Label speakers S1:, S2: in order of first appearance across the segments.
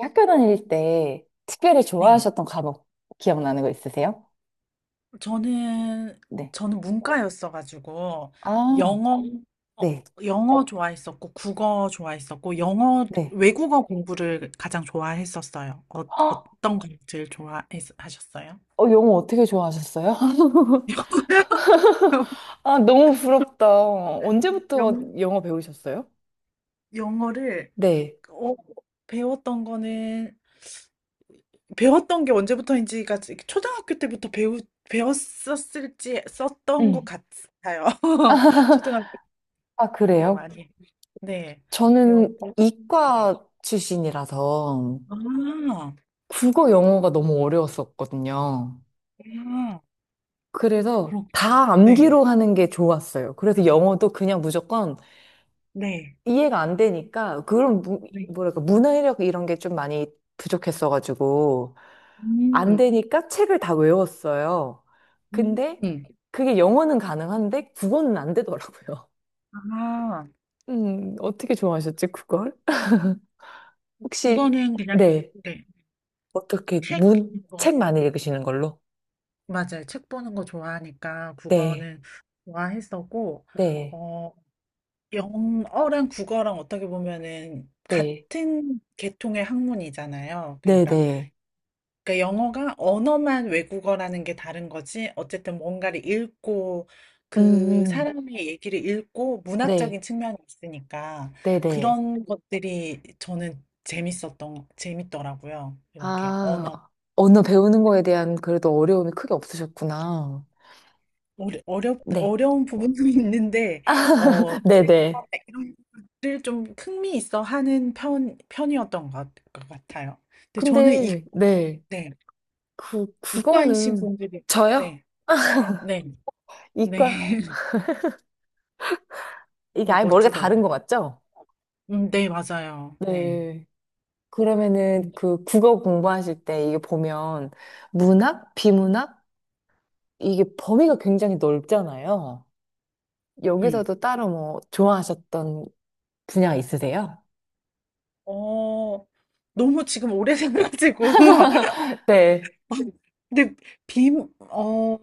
S1: 학교 다닐 때 특별히
S2: 네.
S1: 좋아하셨던 과목 기억나는 거 있으세요?
S2: 저는
S1: 네.
S2: 저는 문과였어 가지고
S1: 아,
S2: 영어 음. 어,
S1: 네,
S2: 영어 좋아했었고 국어 좋아했었고 영어
S1: 네.
S2: 외국어 공부를 가장 좋아했었어요.
S1: 헉,
S2: 어떤 걸 제일 좋아하셨어요?
S1: 영어 어떻게 좋아하셨어요? 아, 너무 부럽다.
S2: 영
S1: 언제부터
S2: 어
S1: 영어 배우셨어요?
S2: 어를
S1: 네.
S2: 어, 배웠던 거는 배웠던 게 언제부터인지가 초등학교 때부터 배우 배웠었을지 썼던 것
S1: 음.
S2: 같아요. 초등학교.
S1: 아,
S2: 거의
S1: 그래요?
S2: 많이. 네.
S1: 저는
S2: 배웠고. 네.
S1: 이과 출신이라서
S2: 아, 아,
S1: 국어 영어가 너무 어려웠었거든요.
S2: 그
S1: 그래서
S2: 렇구
S1: 다
S2: 네.
S1: 암기로 하는 게 좋았어요. 그래서 영어도 그냥 무조건
S2: 네.
S1: 이해가 안 되니까
S2: 네.
S1: 뭐랄까 문해력 이런 게 좀 많이 부족했어가지고 안
S2: 음,
S1: 되니까 책을 다 외웠어요. 근데
S2: 음.
S1: 그게 영어는 가능한데 국어는 안 되더라고요.
S2: 아,
S1: 어떻게 좋아하셨지, 그걸?
S2: 국어
S1: 혹시,
S2: 는 그냥,
S1: 네,
S2: 네. 책 보는 거,
S1: 책 많이 읽으시는 걸로?
S2: 맞아요. 책 보는 거 좋아하니까
S1: 네,
S2: 국어는 좋아했었고,
S1: 네,
S2: 어, 영어랑 국어랑 어떻게 보면은
S1: 네,
S2: 같은 계통의 학문이잖아요.
S1: 네,
S2: 그러니까
S1: 네.
S2: 그러니까 영어가 언어만 외국어라는 게 다른 거지. 어쨌든 뭔가를 읽고
S1: 음,
S2: 그
S1: 음.
S2: 사람의 얘기를 읽고
S1: 네,
S2: 문학적인 측면이 있으니까
S1: 네, 네.
S2: 그런 것들이 저는 재밌었던 재밌더라고요. 이렇게
S1: 아,
S2: 언어
S1: 언어 배우는 거에 대한 그래도 어려움이 크게 없으셨구나. 네.
S2: 어려운 부분도 있는데 어
S1: 네네.
S2: 이런 것들 좀 흥미 있어 하는 편 편이었던 것 같아요. 근데 저는
S1: 근데, 네.
S2: 네, 이과이신
S1: 그거는,
S2: 분들이
S1: 저요?
S2: 네, 네, 네.
S1: 이과, 이게 아예 머리가 다른
S2: 멋지더라고요.
S1: 것 같죠?
S2: 네, 맞아요. 네.
S1: 네. 그러면은
S2: 음.
S1: 그 국어 공부하실 때 이게 보면 문학, 비문학? 이게 범위가 굉장히 넓잖아요.
S2: 음.
S1: 여기서도 따로 뭐 좋아하셨던 분야 있으세요?
S2: 어, 너무 지금 오래 생각지고.
S1: 네.
S2: 근데 비, 어,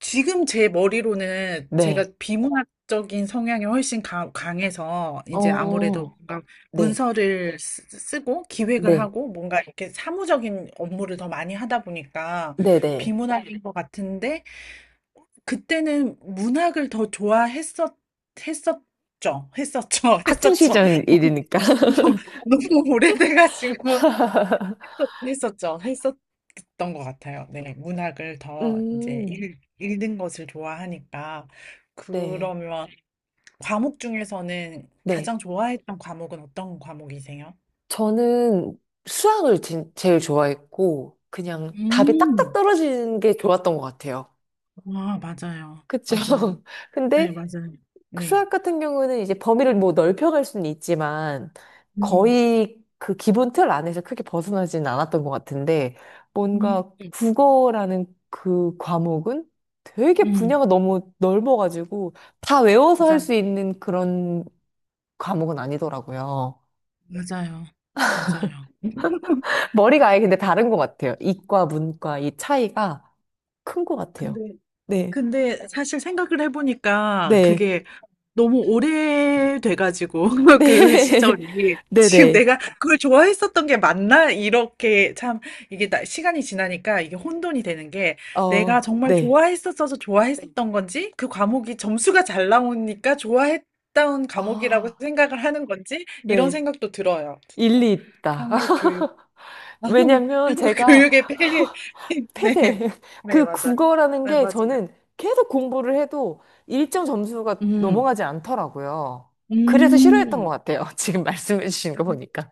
S2: 지금 제 머리로는 제가
S1: 네.
S2: 비문학적인 성향이 훨씬 강해서 이제 아무래도
S1: 어,
S2: 뭔가
S1: 네.
S2: 문서를 쓰고 기획을
S1: 네.
S2: 하고 뭔가 이렇게 사무적인 업무를 더 많이 하다 보니까
S1: 네네.
S2: 비문학인 것 같은데 그때는 문학을 더 했었죠. 했었죠.
S1: 학창
S2: 했었죠.
S1: 시절 일이니까.
S2: 너무, 너무 오래돼가지고 했었죠. 했었던 것 같아요. 네, 문학을 더 이제
S1: 음,
S2: 읽는 것을 좋아하니까.
S1: 네.
S2: 그러면 과목 중에서는
S1: 네.
S2: 가장 좋아했던 과목은 어떤 과목이세요?
S1: 저는 제일 좋아했고, 그냥 답이 딱딱
S2: 음,
S1: 떨어지는 게 좋았던 것 같아요.
S2: 와, 맞아요.
S1: 그쵸?
S2: 맞아요. 네,
S1: 근데
S2: 맞아요. 네.
S1: 수학 같은 경우는 이제 범위를 뭐 넓혀갈 수는 있지만,
S2: 음,
S1: 거의 그 기본 틀 안에서 크게 벗어나지는 않았던 것 같은데,
S2: 음,
S1: 뭔가 국어라는 그 과목은 되게
S2: 음,
S1: 분야가 너무 넓어가지고, 다 외워서 할
S2: 맞아,
S1: 수 있는 그런 과목은 아니더라고요.
S2: 맞아요. 맞아요.
S1: 머리가 아예 근데 다른 것 같아요. 이과, 문과 이 차이가 큰 것
S2: 근데,
S1: 같아요. 네,
S2: 근데 사실 생각을 해보니까
S1: 네,
S2: 그게 너무 오래돼가지고 그
S1: 네,
S2: 시절이
S1: 네,
S2: 지금
S1: 네,
S2: 내가 그걸 좋아했었던 게 맞나? 이렇게 참 이게 시간이 지나니까 이게 혼돈이 되는 게 내가
S1: 어,
S2: 정말
S1: 네,
S2: 좋아했었어서 좋아했었던 건지 그 과목이 점수가 잘 나오니까 좋아했던 과목이라고
S1: 아,
S2: 생각을 하는 건지 이런
S1: 네,
S2: 생각도 들어요. 진짜.
S1: 일리 있다.
S2: 한국 교육
S1: 왜냐면
S2: 한국
S1: 제가
S2: 교육의 폐해 네.
S1: 폐쇄,
S2: 네,
S1: 그
S2: 맞아요.
S1: 국어라는
S2: 네,
S1: 게
S2: 맞아요.
S1: 저는 계속 공부를 해도 일정 점수가
S2: 음.
S1: 넘어가지 않더라고요. 그래서 싫어했던 것
S2: 음.
S1: 같아요. 지금 말씀해 주신 거 보니까.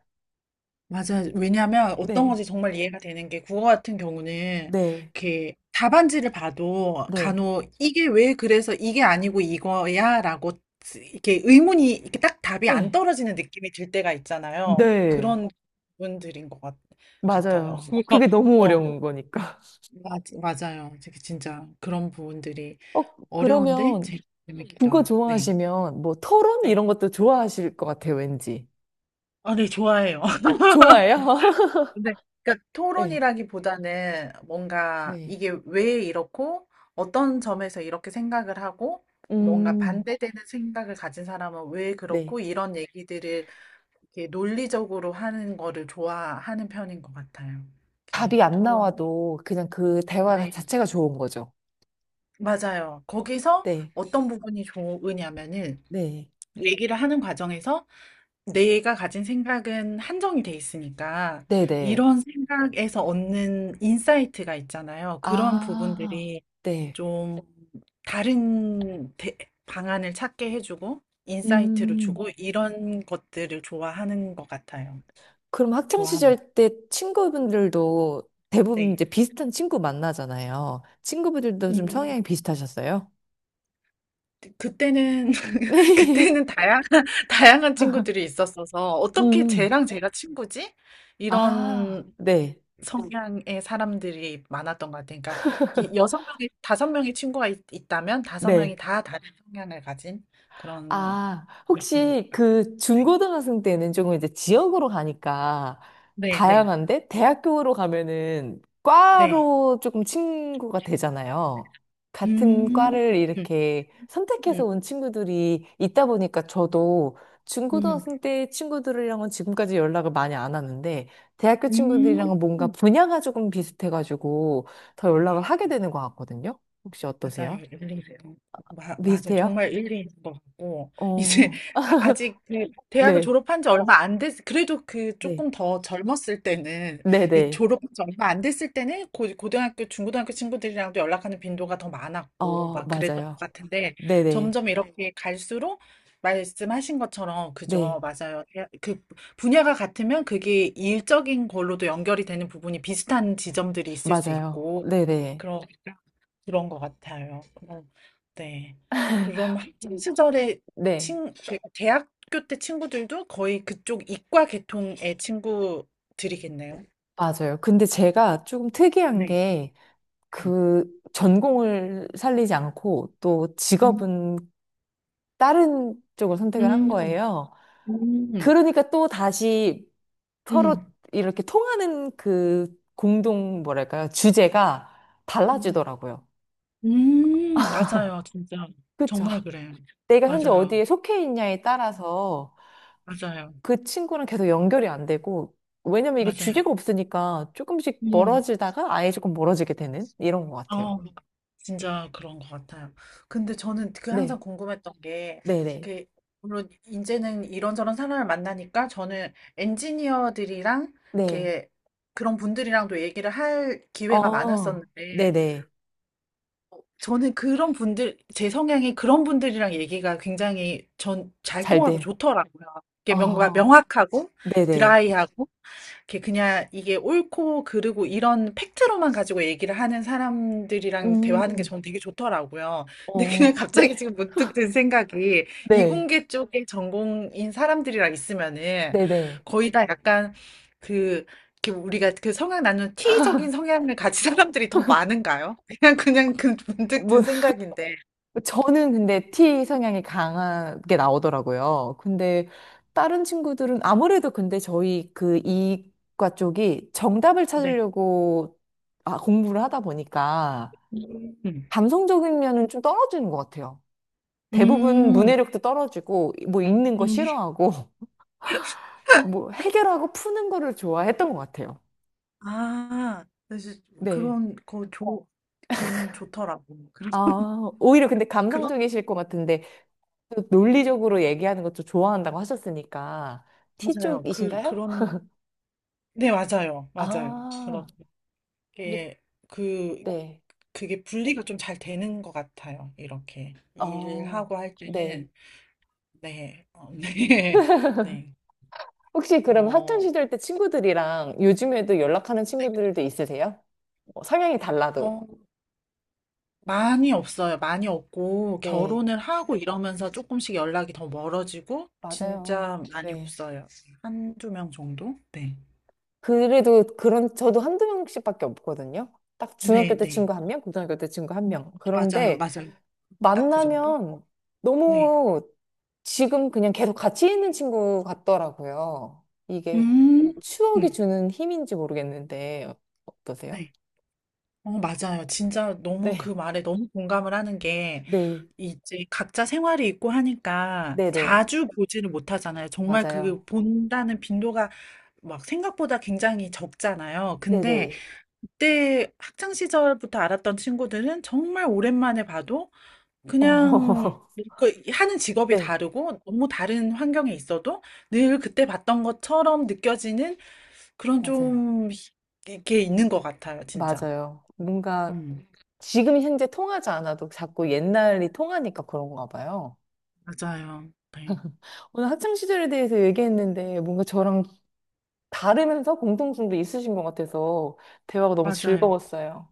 S2: 맞아요. 왜냐하면 어떤
S1: 네,
S2: 건지 정말 이해가 되는 게 국어 같은 경우는
S1: 네,
S2: 이렇게 답안지를 봐도
S1: 네.
S2: 간혹 이게 왜 그래서 이게 아니고 이거야라고 이렇게 의문이 이렇게 딱 답이 안
S1: 네.
S2: 떨어지는 느낌이 들 때가 있잖아요.
S1: 네.
S2: 그런 부분들인 것 같아요.
S1: 맞아요.
S2: 그래서,
S1: 그게 너무
S2: 어,
S1: 어려운 거니까.
S2: 맞아요. 되게 진짜 그런 부분들이
S1: 어,
S2: 어려운데
S1: 그러면
S2: 재밌기도
S1: 국어
S2: 하고. 네.
S1: 좋아하시면 뭐 토론
S2: 네.
S1: 이런 것도 좋아하실 것 같아요, 왠지.
S2: 아, 네, 좋아해요.
S1: 좋아해요?
S2: 근데 그러니까
S1: 네,
S2: 토론이라기보다는 뭔가
S1: 네.
S2: 이게 왜 이렇고 어떤 점에서 이렇게 생각을 하고 뭔가
S1: 음,
S2: 반대되는 생각을 가진 사람은 왜
S1: 네.
S2: 그렇고 이런 얘기들을 이렇게 논리적으로 하는 거를 좋아하는 편인 것 같아요. 이렇게
S1: 답이 안
S2: 토론.
S1: 나와도 그냥 그 대화
S2: 네,
S1: 자체가 좋은 거죠.
S2: 맞아요. 거기서
S1: 네,
S2: 어떤 부분이 좋으냐면은
S1: 네,
S2: 얘기를 하는 과정에서 내가 가진 생각은 한정이 돼 있으니까
S1: 네, 네.
S2: 이런 생각에서 얻는 인사이트가 있잖아요. 그런
S1: 아,
S2: 부분들이
S1: 네.
S2: 좀 다른 방안을 찾게 해주고 인사이트를 주고
S1: 음,
S2: 이런 것들을 좋아하는 것 같아요.
S1: 그럼 학창
S2: 좋아합니다.
S1: 시절 때 친구분들도 대부분
S2: 네.
S1: 이제 비슷한 친구 만나잖아요. 친구분들도 좀
S2: 음,
S1: 성향이 비슷하셨어요?
S2: 그때는
S1: 네.
S2: 그때는 다양한 친구들이 있었어서 어떻게
S1: 음.
S2: 쟤랑 제가 친구지?
S1: 아,
S2: 이런
S1: 네.
S2: 성향의 사람들이 많았던 것 같아요. 그러니까 이 6명이 5명의 친구가 있다면 5명이
S1: 네.
S2: 다 다른 성향을 가진 그런
S1: 아,
S2: 였던 것
S1: 혹시
S2: 같아요.
S1: 그 중고등학생 때는 조금 이제 지역으로 가니까
S2: 네, 네, 네.
S1: 다양한데 대학교로 가면은
S2: 네.
S1: 과로 조금 친구가 되잖아요. 같은
S2: 음,
S1: 과를
S2: 음,
S1: 이렇게 선택해서
S2: 음,
S1: 온 친구들이 있다 보니까 저도
S2: 음.
S1: 중고등학생 때 친구들이랑은 지금까지 연락을 많이 안 하는데 대학교
S2: 음.
S1: 친구들이랑은 뭔가 분야가 조금 비슷해가지고 더 연락을 하게 되는 것 같거든요. 혹시
S2: 맞아요.
S1: 어떠세요?
S2: 일리세요. 맞아요.
S1: 비슷해요?
S2: 정말 일리인 것 같고 이제
S1: 어,
S2: 아직 그 대학을
S1: 네.
S2: 졸업한 지 얼마 안 됐, 그래도 그
S1: 네.
S2: 조금 더 젊었을 때는 이
S1: 네네.
S2: 졸업한 지 얼마 안 됐을 때는 고등학교, 중고등학교 친구들이랑도 연락하는 빈도가 더 많았고
S1: 어,
S2: 막 그랬던 것
S1: 맞아요.
S2: 같은데
S1: 네네.
S2: 점점 이렇게 갈수록 말씀하신 것처럼 그죠.
S1: 네.
S2: 맞아요. 그 분야가 같으면 그게 일적인 걸로도 연결이 되는 부분이 비슷한 지점들이 있을 수
S1: 맞아요.
S2: 있고
S1: 네네.
S2: 그런 그런 것 같아요. 어 네. 그럼 학창 시절에
S1: 네.
S2: 친 그 대학교 때 친구들도 거의 그쪽 이과 계통의 친구들이겠네요.
S1: 맞아요. 근데 제가 조금 특이한
S2: 네.
S1: 게
S2: 네.
S1: 그 전공을 살리지 않고 또
S2: 음.
S1: 직업은 다른 쪽을 선택을 한
S2: 음.
S1: 거예요.
S2: 음.
S1: 그러니까 또 다시 서로
S2: 음.
S1: 이렇게 통하는 그 공동 뭐랄까요? 주제가
S2: 음.
S1: 달라지더라고요.
S2: 맞아요. 진짜
S1: 그렇죠.
S2: 정말 그래요.
S1: 내가 현재
S2: 맞아요.
S1: 어디에 속해 있냐에 따라서
S2: 맞아요.
S1: 그 친구랑 계속 연결이 안 되고, 왜냐면 이게
S2: 맞아요.
S1: 주제가 없으니까 조금씩
S2: 음.
S1: 멀어지다가 아예 조금 멀어지게 되는 이런 것 같아요.
S2: 어. 진짜 그런 것 같아요. 근데 저는 그 항상
S1: 네,
S2: 궁금했던 게,
S1: 네네,
S2: 그, 물론 이제는 이런저런 사람을 만나니까 저는 엔지니어들이랑,
S1: 네.
S2: 이렇게 그런 분들이랑도 얘기를 할 기회가
S1: 어,
S2: 많았었는데,
S1: 네네.
S2: 저는 그런 분들, 제 성향이 그런 분들이랑 얘기가 굉장히 전 잘
S1: 잘
S2: 통하고
S1: 돼요.
S2: 좋더라고요. 이게 뭔가
S1: 어,
S2: 명확하고
S1: 네네.
S2: 드라이하고 이렇게 그냥 이게 옳고 그르고 이런 팩트로만 가지고 얘기를 하는 사람들이랑 대화하는 게
S1: 음,
S2: 저는 되게 좋더라고요. 근데 그냥
S1: 어, 네,
S2: 갑자기 지금 문득 든 생각이
S1: 네,
S2: 이공계 쪽에 전공인 사람들이랑 있으면은
S1: 네네.
S2: 거의 다 약간 그 이렇게 우리가 그 성향 나누는 T적인 성향을 가진 사람들이 더 많은가요? 그냥 그냥 그 문득
S1: 뭐
S2: 든 생각인데.
S1: 저는 근데 T 성향이 강하게 나오더라고요. 근데 다른 친구들은 아무래도 근데 저희 그 이과 쪽이 정답을
S2: 네.
S1: 찾으려고 아, 공부를 하다 보니까
S2: 음.
S1: 감성적인 면은 좀 떨어지는 것 같아요. 대부분
S2: 음.
S1: 문해력도 떨어지고 뭐 읽는 거
S2: 음.
S1: 싫어하고 뭐 해결하고 푸는 거를 좋아했던 것 같아요.
S2: 아. 그래서
S1: 네.
S2: 그런 거 좋 저는 좋더라고요. 그런
S1: 아, 오히려 근데
S2: 그런
S1: 감성적이실 것 같은데 또 논리적으로 얘기하는 것도 좋아한다고 하셨으니까 T
S2: 맞아요. 그
S1: 쪽이신가요?
S2: 그런 네 맞아요. 맞아요.
S1: 아, 네,
S2: 그렇게 그 네.
S1: 네.
S2: 그게 분리가 좀 잘 되는 것 같아요. 이렇게
S1: 어,
S2: 일하고 할
S1: 네.
S2: 때는 네. 네. 네.
S1: 혹시 그럼 학창
S2: 어
S1: 시절 때 친구들이랑 요즘에도 연락하는 친구들도 있으세요? 뭐 성향이
S2: 어
S1: 달라도.
S2: 많이 없어요. 많이 없고
S1: 네,
S2: 결혼을 하고 이러면서 조금씩 연락이 더 멀어지고
S1: 맞아요.
S2: 진짜 많이
S1: 네.
S2: 없어요. 한 두 명 정도? 네.
S1: 그래도 그런, 저도 한두 명씩밖에 없거든요. 딱 중학교 때
S2: 네네.
S1: 친구 한 명, 고등학교 때 친구 한
S2: 음.
S1: 명.
S2: 맞아요,
S1: 그런데
S2: 맞아요. 딱 그 정도?
S1: 만나면
S2: 네.
S1: 너무 지금 그냥 계속 같이 있는 친구 같더라고요. 이게
S2: 음,
S1: 추억이
S2: 음.
S1: 주는 힘인지 모르겠는데 어떠세요?
S2: 네. 맞아요. 진짜 너무 그
S1: 네.
S2: 말에 너무 공감을 하는 게
S1: 네,
S2: 이제 각자 생활이 있고 하니까
S1: 네네,
S2: 자주 보지를 못하잖아요. 정말 그
S1: 맞아요.
S2: 본다는 빈도가 막 생각보다 굉장히 적잖아요. 근데
S1: 네네.
S2: 그때 학창 시절부터 알았던 친구들은 정말 오랜만에 봐도 그냥
S1: 어,
S2: 그 하는 직업이
S1: 네,
S2: 다르고 너무 다른 환경에 있어도 늘 그때 봤던 것처럼 느껴지는 그런
S1: 맞아요.
S2: 좀 이게 있는 것 같아요, 진짜.
S1: 맞아요. 뭔가
S2: 음.
S1: 지금 현재 통하지 않아도 자꾸 옛날이 통하니까 그런가 봐요.
S2: 맞아요. 네.
S1: 오늘 학창 시절에 대해서 얘기했는데 뭔가 저랑 다르면서 공통점도 있으신 것 같아서 대화가 너무
S2: 맞아요.
S1: 즐거웠어요.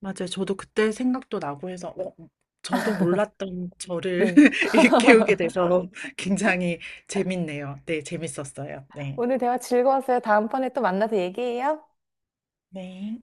S2: 맞아요. 저도 그때 생각도 나고 해서 저도 몰랐던 저를
S1: 네.
S2: 일깨우게 돼서 굉장히 재밌네요. 네, 재밌었어요. 네.
S1: 오늘 대화 즐거웠어요. 다음번에 또 만나서 얘기해요.
S2: 네.